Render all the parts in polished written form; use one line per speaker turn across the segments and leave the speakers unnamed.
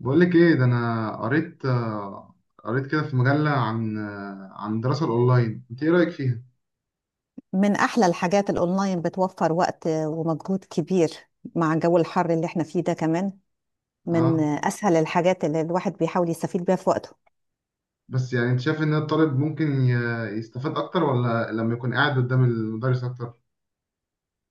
بقول لك ايه ده انا قريت قريت كده في مجلة عن عن الدراسة الاونلاين. انت ايه رأيك فيها؟
من احلى الحاجات الاونلاين بتوفر وقت ومجهود كبير مع جو الحر اللي احنا فيه ده كمان. من
اه،
اسهل الحاجات اللي الواحد بيحاول يستفيد بيها في وقته.
بس يعني انت شايف ان الطالب ممكن يستفاد اكتر ولا لما يكون قاعد قدام المدرس اكتر؟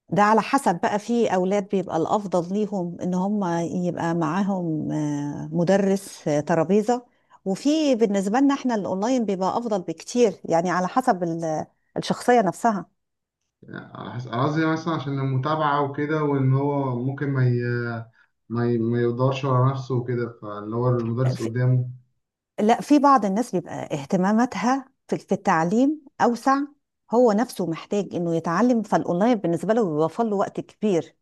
ده على حسب بقى، في اولاد بيبقى الافضل ليهم ان هم يبقى معاهم مدرس، ترابيزة. وفي بالنسبة لنا احنا الاونلاين بيبقى افضل بكتير، يعني على حسب الشخصية نفسها.
يعني على حسب، أنا قصدي مثلا عشان المتابعة وكده، وان هو ممكن ما يدورش ورا نفسه وكده، فاللي هو المدرس قدامه.
لا، في بعض الناس بيبقى اهتماماتها في التعليم أوسع. هو نفسه محتاج إنه يتعلم، فالأونلاين بالنسبة له بيوفر له وقت كبير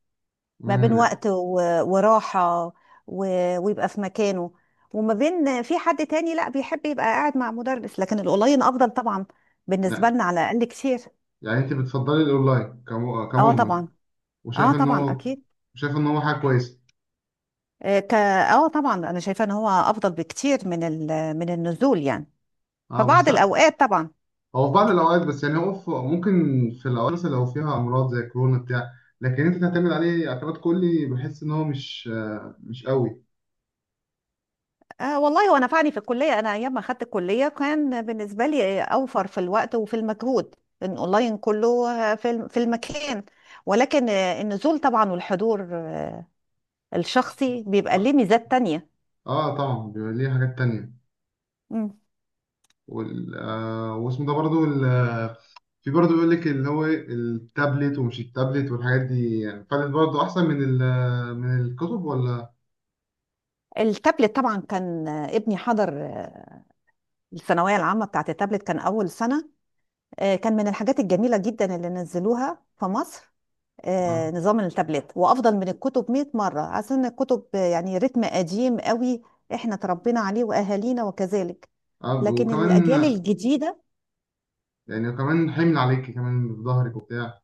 ما بين
امم
وقت وراحة ويبقى في مكانه، وما بين في حد تاني لا بيحب يبقى قاعد مع مدرس، لكن الأونلاين أفضل طبعا بالنسبة
يعني،
لنا على الأقل كتير.
انت بتفضلي الاونلاين
اه
كمجمل؟
طبعا. اه
وشايف ان
طبعا
هو،
أكيد.
شايف ان هو حاجة كويسة؟
آه، ك اه طبعا أنا شايفة إن هو أفضل بكتير من النزول يعني.
اه بس،
فبعض الأوقات طبعا.
هو في بعض الأوقات، بس يعني هو في ممكن، في الأوقات مثلا لو فيها أمراض زي كورونا بتاع لكن أنت تعتمد عليه اعتماد كلي بحس إن هو مش مش قوي.
آه والله هو نفعني في الكلية، أنا أيام ما أخدت الكلية كان بالنسبة لي أوفر في الوقت وفي المجهود، لأن أونلاين كله في في المكان، ولكن النزول طبعا والحضور الشخصي بيبقى ليه
آه،
ميزات تانية.
طبعا بيبقى ليه حاجات تانية.
مم.
وال واسمه ده برضو ال آه، في برضو بيقول لك اللي هو إيه، التابلت ومش التابلت والحاجات دي، يعني فالت برضو أحسن من ال آه، من الكتب ولا؟
التابلت طبعا كان، ابني حضر الثانوية العامة بتاعت التابلت، كان أول سنة. كان من الحاجات الجميلة جدا اللي نزلوها في مصر،
آه.
نظام التابلت، وافضل من الكتب 100 مره، عشان الكتب يعني رتم قديم قوي، احنا تربينا عليه واهالينا وكذلك،
آه،
لكن
وكمان،
الاجيال الجديده.
يعني وكمان حمل عليكي كمان في ظهرك وبتاع.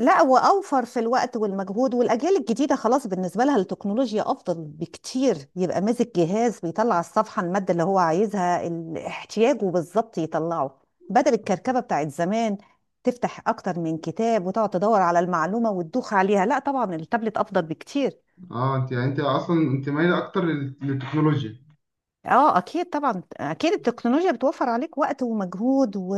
لا، واوفر في الوقت والمجهود، والاجيال الجديده خلاص بالنسبه لها التكنولوجيا افضل بكتير، يبقى ماسك جهاز بيطلع على الصفحه، الماده اللي هو عايزها احتياجه بالظبط يطلعه، بدل الكركبه بتاعت زمان تفتح اكتر من كتاب وتقعد تدور على المعلومه وتدوخ عليها. لا طبعا التابلت افضل بكتير.
اه انت، يعني انت اصلا انت مايله اكتر للتكنولوجيا.
اه اكيد طبعا، اكيد التكنولوجيا بتوفر عليك وقت ومجهود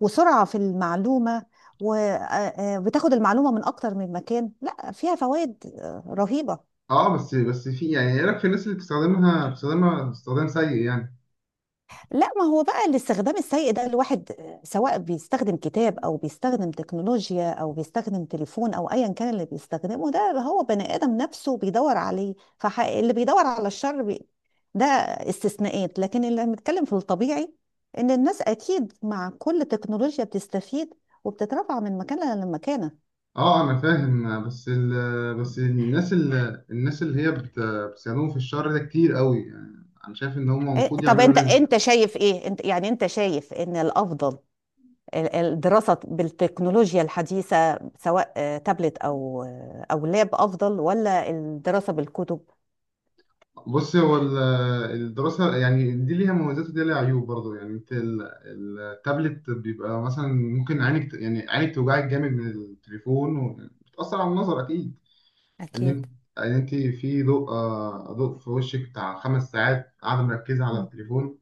وسرعة في المعلومة، وبتاخد المعلومة من اكتر من مكان، لا فيها فوائد رهيبة.
اه بس، بس في، يعني ايه رايك في الناس اللي بتستخدمها، بتستخدمها استخدام سيء يعني؟
لا، ما هو بقى الاستخدام السيء ده، الواحد سواء بيستخدم كتاب او بيستخدم تكنولوجيا او بيستخدم تليفون او ايا كان اللي بيستخدمه، ده اللي هو بني ادم نفسه بيدور عليه، فاللي بيدور على الشر ده استثناءات، لكن اللي بنتكلم في الطبيعي ان الناس اكيد مع كل تكنولوجيا بتستفيد، وبتترفع من مكانها لمكانها.
اه انا فاهم بس ال، بس الناس اللي، الناس اللي هي بتستخدمهم في الشر ده كتير قوي. يعني انا شايف ان هم
إيه،
المفروض
طب
يعملوا
انت
ليميت.
انت شايف ايه، انت يعني انت شايف ان الافضل الدراسة بالتكنولوجيا الحديثة سواء تابلت أو لاب أفضل، ولا الدراسة بالكتب؟
بص هو الدراسه يعني دي ليها مميزات ودي ليها عيوب برضه. يعني انت التابلت بيبقى مثلا ممكن عينك يعني عينك توجعك جامد من التليفون، وبتأثر على النظر اكيد. ان
أكيد.
انت ان انت في ضوء، ضوء في وشك بتاع 5 ساعات قاعده مركزه على
مم.
التليفون،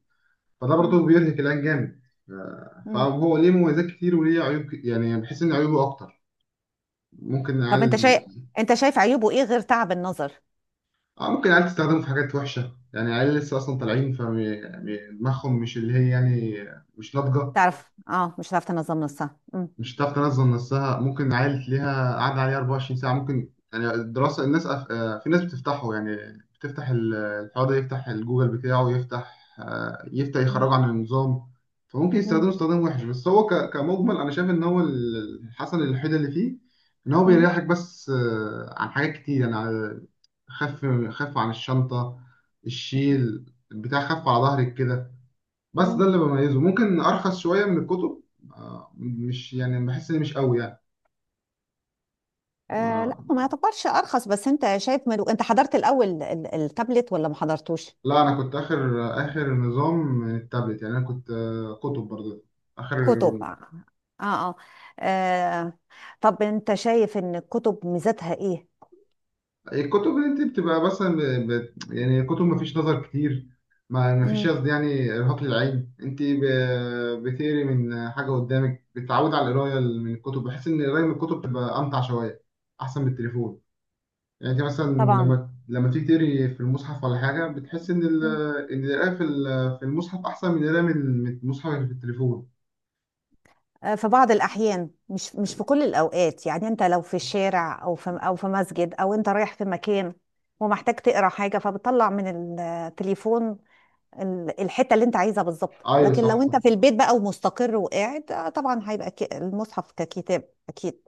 فده
مم.
برضه بيرهق العين جامد.
مم.
فهو ليه مميزات كتير وليه عيوب يعني بحس ان عيوبه اكتر. ممكن
طب أنت
العيال،
شايف أنت شايف عيوبه إيه غير تعب النظر؟
ممكن العيال تستخدمه في حاجات وحشه. يعني العيال لسه اصلا طالعين، فدماغهم مش اللي هي يعني مش ناضجه.
تعرف أه مش هتعرف تنظم نصها. مم.
مش هتعرف تنظم نفسها، ممكن عيل ليها قاعدة عليه 24 ساعة. ممكن يعني الدراسة الناس أف... آه، في ناس بتفتحه، يعني بتفتح الحوار ده، يفتح الجوجل بتاعه، يفتح يفتح
مم.
يخرجه عن النظام. فممكن يستخدمه
مم.
استخدام وحش. بس هو كمجمل أنا شايف إن هو الحسن الوحيد اللي فيه إن هو
مم.
بيريحك بس عن حاجات كتير. يعني خف عن الشنطة، الشيل بتاع، خف على ظهرك كده. بس ده
مم.
اللي بميزه، ممكن ارخص شويه من الكتب. مش يعني بحس ان مش قوي يعني.
آه لا
آه،
هو ما يعتبرش أرخص، بس أنت شايف أنت حضرت الأول التابلت ولا ما حضرتوش؟
لا انا كنت اخر، اخر نظام من التابلت. يعني انا كنت، كتب برضه. اخر
كتب آه. آه, آه. طب أنت شايف إن الكتب ميزتها إيه؟
الكتب، اللي انت بتبقى مثلا يعني كتب، ما فيش نظر كتير، ما فيش
مم.
قصدي يعني ارهاق للعين. انت بتقري من حاجه قدامك، بتتعود على القرايه من الكتب. بحس ان القرايه من الكتب بتبقى امتع شويه، احسن من التليفون. يعني انت مثلا
طبعا.
لما تيجي تقري في المصحف ولا حاجه، بتحس ان ال...
مم.
ان القراءه في ال... في المصحف احسن من القراءه من، من المصحف اللي في التليفون.
في بعض الأحيان، مش في كل الأوقات، يعني أنت لو في الشارع أو في مسجد أو أنت رايح في مكان ومحتاج تقرأ حاجة، فبتطلع من التليفون الحتة اللي أنت عايزها بالظبط،
ايوه،
لكن
صح
لو
صح.
أنت في البيت بقى ومستقر وقاعد، طبعا هيبقى المصحف ككتاب أكيد.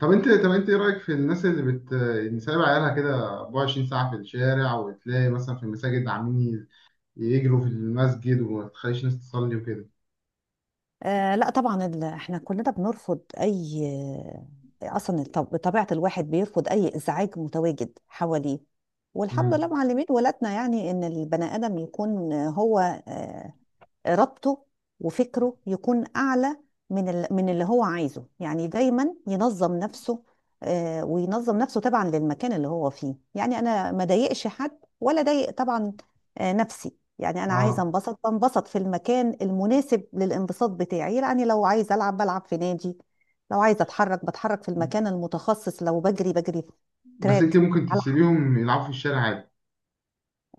طب انت، طب انت ايه رايك في الناس اللي بت، اللي سايبه عيالها كده 24 ساعه في الشارع، وتلاقي مثلا في المساجد عاملين يجروا في المسجد، وما تخليش الناس تصلي وكده؟
آه لا طبعا، احنا كلنا بنرفض اي، اصلا بطبيعه الواحد بيرفض اي ازعاج متواجد حواليه، والحمد لله
امم.
معلمين ولادنا، يعني ان البني ادم يكون هو آه، ربطه وفكره يكون أعلى من اللي هو عايزه، يعني دايما ينظم نفسه، وينظم نفسه طبعا للمكان اللي هو فيه، يعني أنا ما ضايقش حد ولا ضايق طبعا نفسي، يعني أنا عايزة
اه
أنبسط بنبسط في المكان المناسب للانبساط بتاعي، يعني لو عايزة ألعب بلعب في نادي، لو عايزة أتحرك بتحرك في المكان المتخصص، لو بجري بجري في
بس انت
تراك.
ممكن
على حق.
تسيبيهم يلعبوا في الشارع عادي.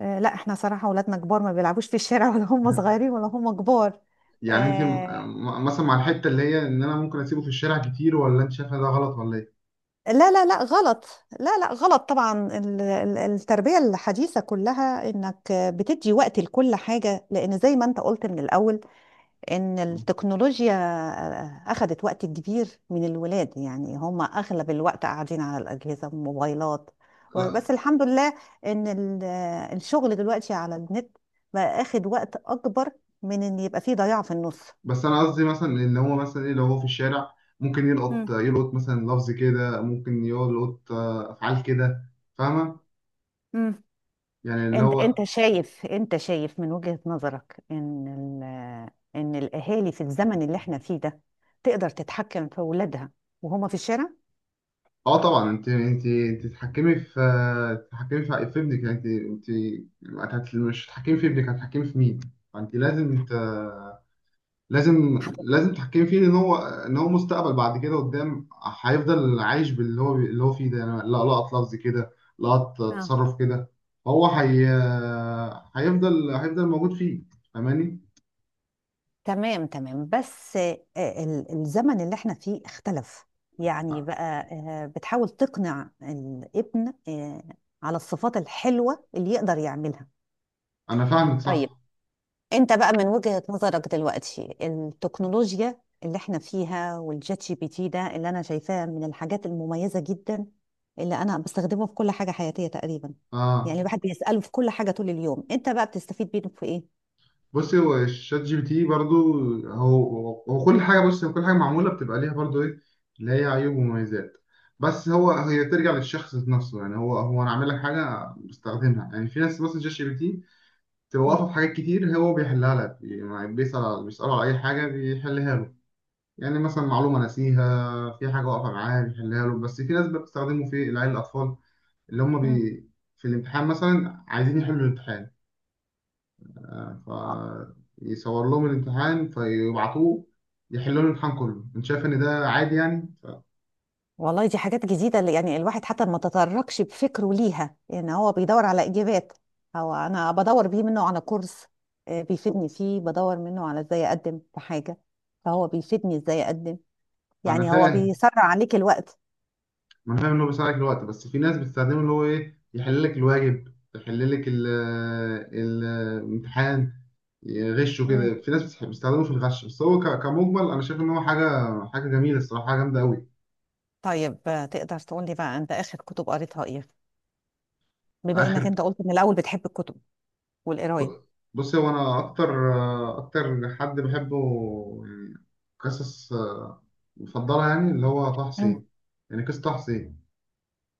لا احنا صراحة ولادنا كبار، ما بيلعبوش في الشارع، ولا هم صغيرين ولا هم كبار.
يعني انت
آه،
مثلا مع الحته اللي هي ان انا ممكن اسيبه في الشارع كتير، ولا انت شايفها ده غلط ولا
لا لا لا غلط. لا لا غلط طبعا، التربية الحديثة كلها انك بتدي وقت لكل حاجة، لان زي ما انت قلت من الاول ان
ايه؟
التكنولوجيا اخذت وقت كبير من الولاد، يعني هم اغلب الوقت قاعدين على الاجهزة والموبايلات،
لا
بس الحمد لله ان الشغل دلوقتي على النت بقى اخد وقت اكبر من ان يبقى فيه ضياع في النص.
بس انا قصدي مثلا ان هو مثلا ايه، لو هو في الشارع ممكن يلقط، يلقط مثلا لفظ كده، ممكن يلقط افعال كده. فاهمه
مم.
يعني اللي
انت
هو.
انت شايف، انت شايف من وجهة نظرك ان ال- ان الاهالي في الزمن اللي احنا فيه ده تقدر تتحكم في اولادها وهما في الشارع.
اه طبعا انت، انت تتحكمي في، تتحكمي في ابنك. يعني انت، انت مش هتتحكمي في ابنك هتتحكمي في مين؟ فانت لازم لازم
هت...
لازم تحكم فيه. ان هو، ان هو مستقبل بعد كده قدام، هيفضل عايش باللي هو، اللي هو فيه ده. يعني لا، لقط لفظ كده، لقط
اه
تصرف كده، هو هي، هيفضل موجود فيه. فاهماني؟
تمام تمام، بس الزمن اللي احنا فيه اختلف، يعني بقى بتحاول تقنع الابن على الصفات الحلوة اللي يقدر يعملها.
انا فاهمك
طيب،
صح.
انت بقى من وجهة نظرك دلوقتي التكنولوجيا اللي احنا فيها، والشات جي بي تي ده اللي انا شايفاه من الحاجات المميزة جدا، اللي انا بستخدمه في كل حاجة حياتية تقريبا، يعني
اه
الواحد بيسأله في كل حاجة طول اليوم، انت بقى بتستفيد منه في ايه؟
بصي هو الشات جي بي تي برضو، هو كل حاجه. بص، هو كل حاجه معموله بتبقى ليها برضو ايه، اللي هي عيوب ومميزات. بس هو هي ترجع للشخص نفسه. يعني هو انا عامل لك حاجه بستخدمها. يعني في ناس بس الشات جي بي تي تبقى
مم.
واقفة في حاجات كتير، هو بيحلها لك. يعني بيسأل بيسأله على أي حاجة بيحلها له. يعني مثلا معلومة ناسيها في حاجة واقفة معاه بيحلها له. بس في ناس بقى بتستخدمه في العيال، الأطفال اللي هم
مم.
بي، في الامتحان مثلا عايزين يحلوا الامتحان،
اه
فيصور لهم الامتحان فيبعتوه يحلوا لهم الامتحان كله. أنت شايف إن ده عادي يعني؟
والله دي حاجات جديدة، اللي يعني الواحد حتى ما تطرقش بفكره ليها، يعني هو بيدور على إجابات، هو أنا بدور بيه منه على كورس بيفيدني فيه، بدور منه على إزاي أقدم في حاجة، فهو بيفيدني إزاي أقدم،
أنا
يعني هو
فاهم،
بيسرع عليك الوقت.
ما أنا فاهم إن هو بيساعدك الوقت، بس في ناس بتستخدمه اللي هو إيه، يحل لك الواجب، يحل لك الامتحان، يغشوا كده.
مم.
في ناس بتحب بيستخدموه في الغش. بس هو كمجمل انا شايف ان هو حاجه، حاجه جميله الصراحه، حاجه جامده قوي.
طيب، تقدر تقول لي بقى، انت اخر كتب قريتها ايه، بما انك
اخر
انت قلت من الاول بتحب الكتب والقرايه.
ب- بص، هو انا اكتر، اكتر حد بحبه يعني، قصص مفضله، يعني اللي هو طه
مم.
حسين. يعني قصه طه حسين.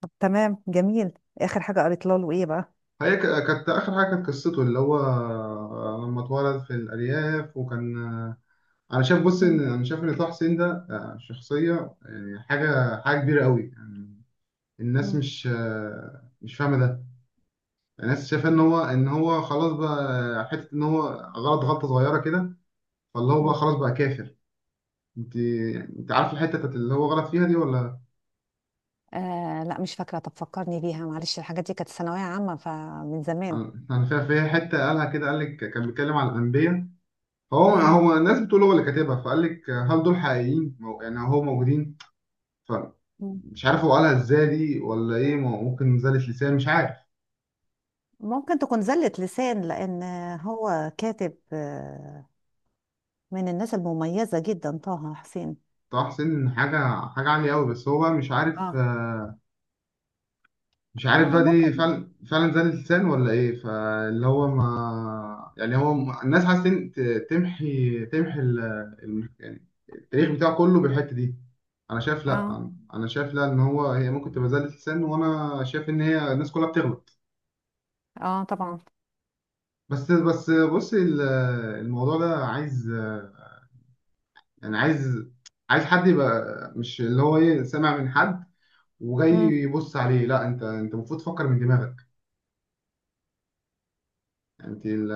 طب تمام جميل. اخر حاجه قريت له ايه بقى؟
هي كانت اخر حاجه، كانت قصته اللي هو لما اتولد في الارياف، وكان انا شايف، بص ان
مم.
انا شايف ان طه حسين ده شخصيه يعني، حاجه، حاجه كبيره قوي يعني. الناس
مم.
مش مش فاهمه ده. الناس شايفه ان هو، ان هو خلاص بقى، حته ان هو غلط غلطه صغيره كده، فاللي هو بقى
مم.
خلاص بقى كافر. انت، انت عارف الحته بتاعت اللي هو غلط فيها دي ولا؟
آه لا مش فاكرة، طب فكرني بيها معلش، الحاجات دي كانت ثانوية عامة فمن زمان.
انا فيها، فيها حته قالها كده، قال لك كان بيتكلم على الانبياء، هو
مم.
هو الناس بتقول هو اللي كاتبها، فقال لك هل دول حقيقيين يعني هو موجودين.
مم.
فمش عارف هو قالها ازاي دي ولا ايه، ممكن زلة لسان مش عارف.
ممكن تكون زلة لسان، لأن هو كاتب من الناس المميزة جدا طه حسين.
طه حسين حاجه، حاجه عاليه قوي. بس هو بقى مش عارف،
اه
مش عارف بقى دي
فممكن.
فعلا، فعلا زاد اللسان ولا ايه. فاللي هو ما، يعني هو ما، الناس عايزة تمحي ال... يعني التاريخ بتاعه كله بالحتة دي. انا شايف
اه.
لا، انا شايف لا، ان هو هي ممكن تبقى زادة لسان، وانا شايف ان هي الناس كلها بتغلط.
اه طبعا.
بس بص الموضوع ده عايز، يعني عايز، عايز حد يبقى مش اللي هو ايه سامع من حد وجاي
مم.
يبص عليه. لا انت، انت المفروض تفكر من دماغك. انت ال،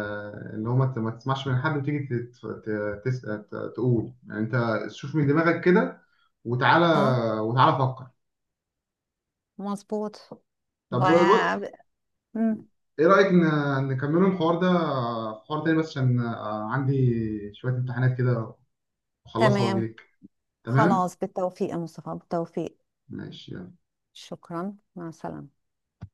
اللي هو ما تسمعش من حد وتيجي تقول. يعني انت شوف من دماغك كده وتعالى،
اه
فكر.
مظبوط.
طب بص،
وع- مم.
ايه رأيك نكملوا الحوار ده في حوار تاني، بس عشان عندي شوية امتحانات كده اخلصها
تمام.
واجيلك. تمام.
خلاص بالتوفيق يا مصطفى، بالتوفيق.
ماشي يلا.
شكرا، مع السلامة.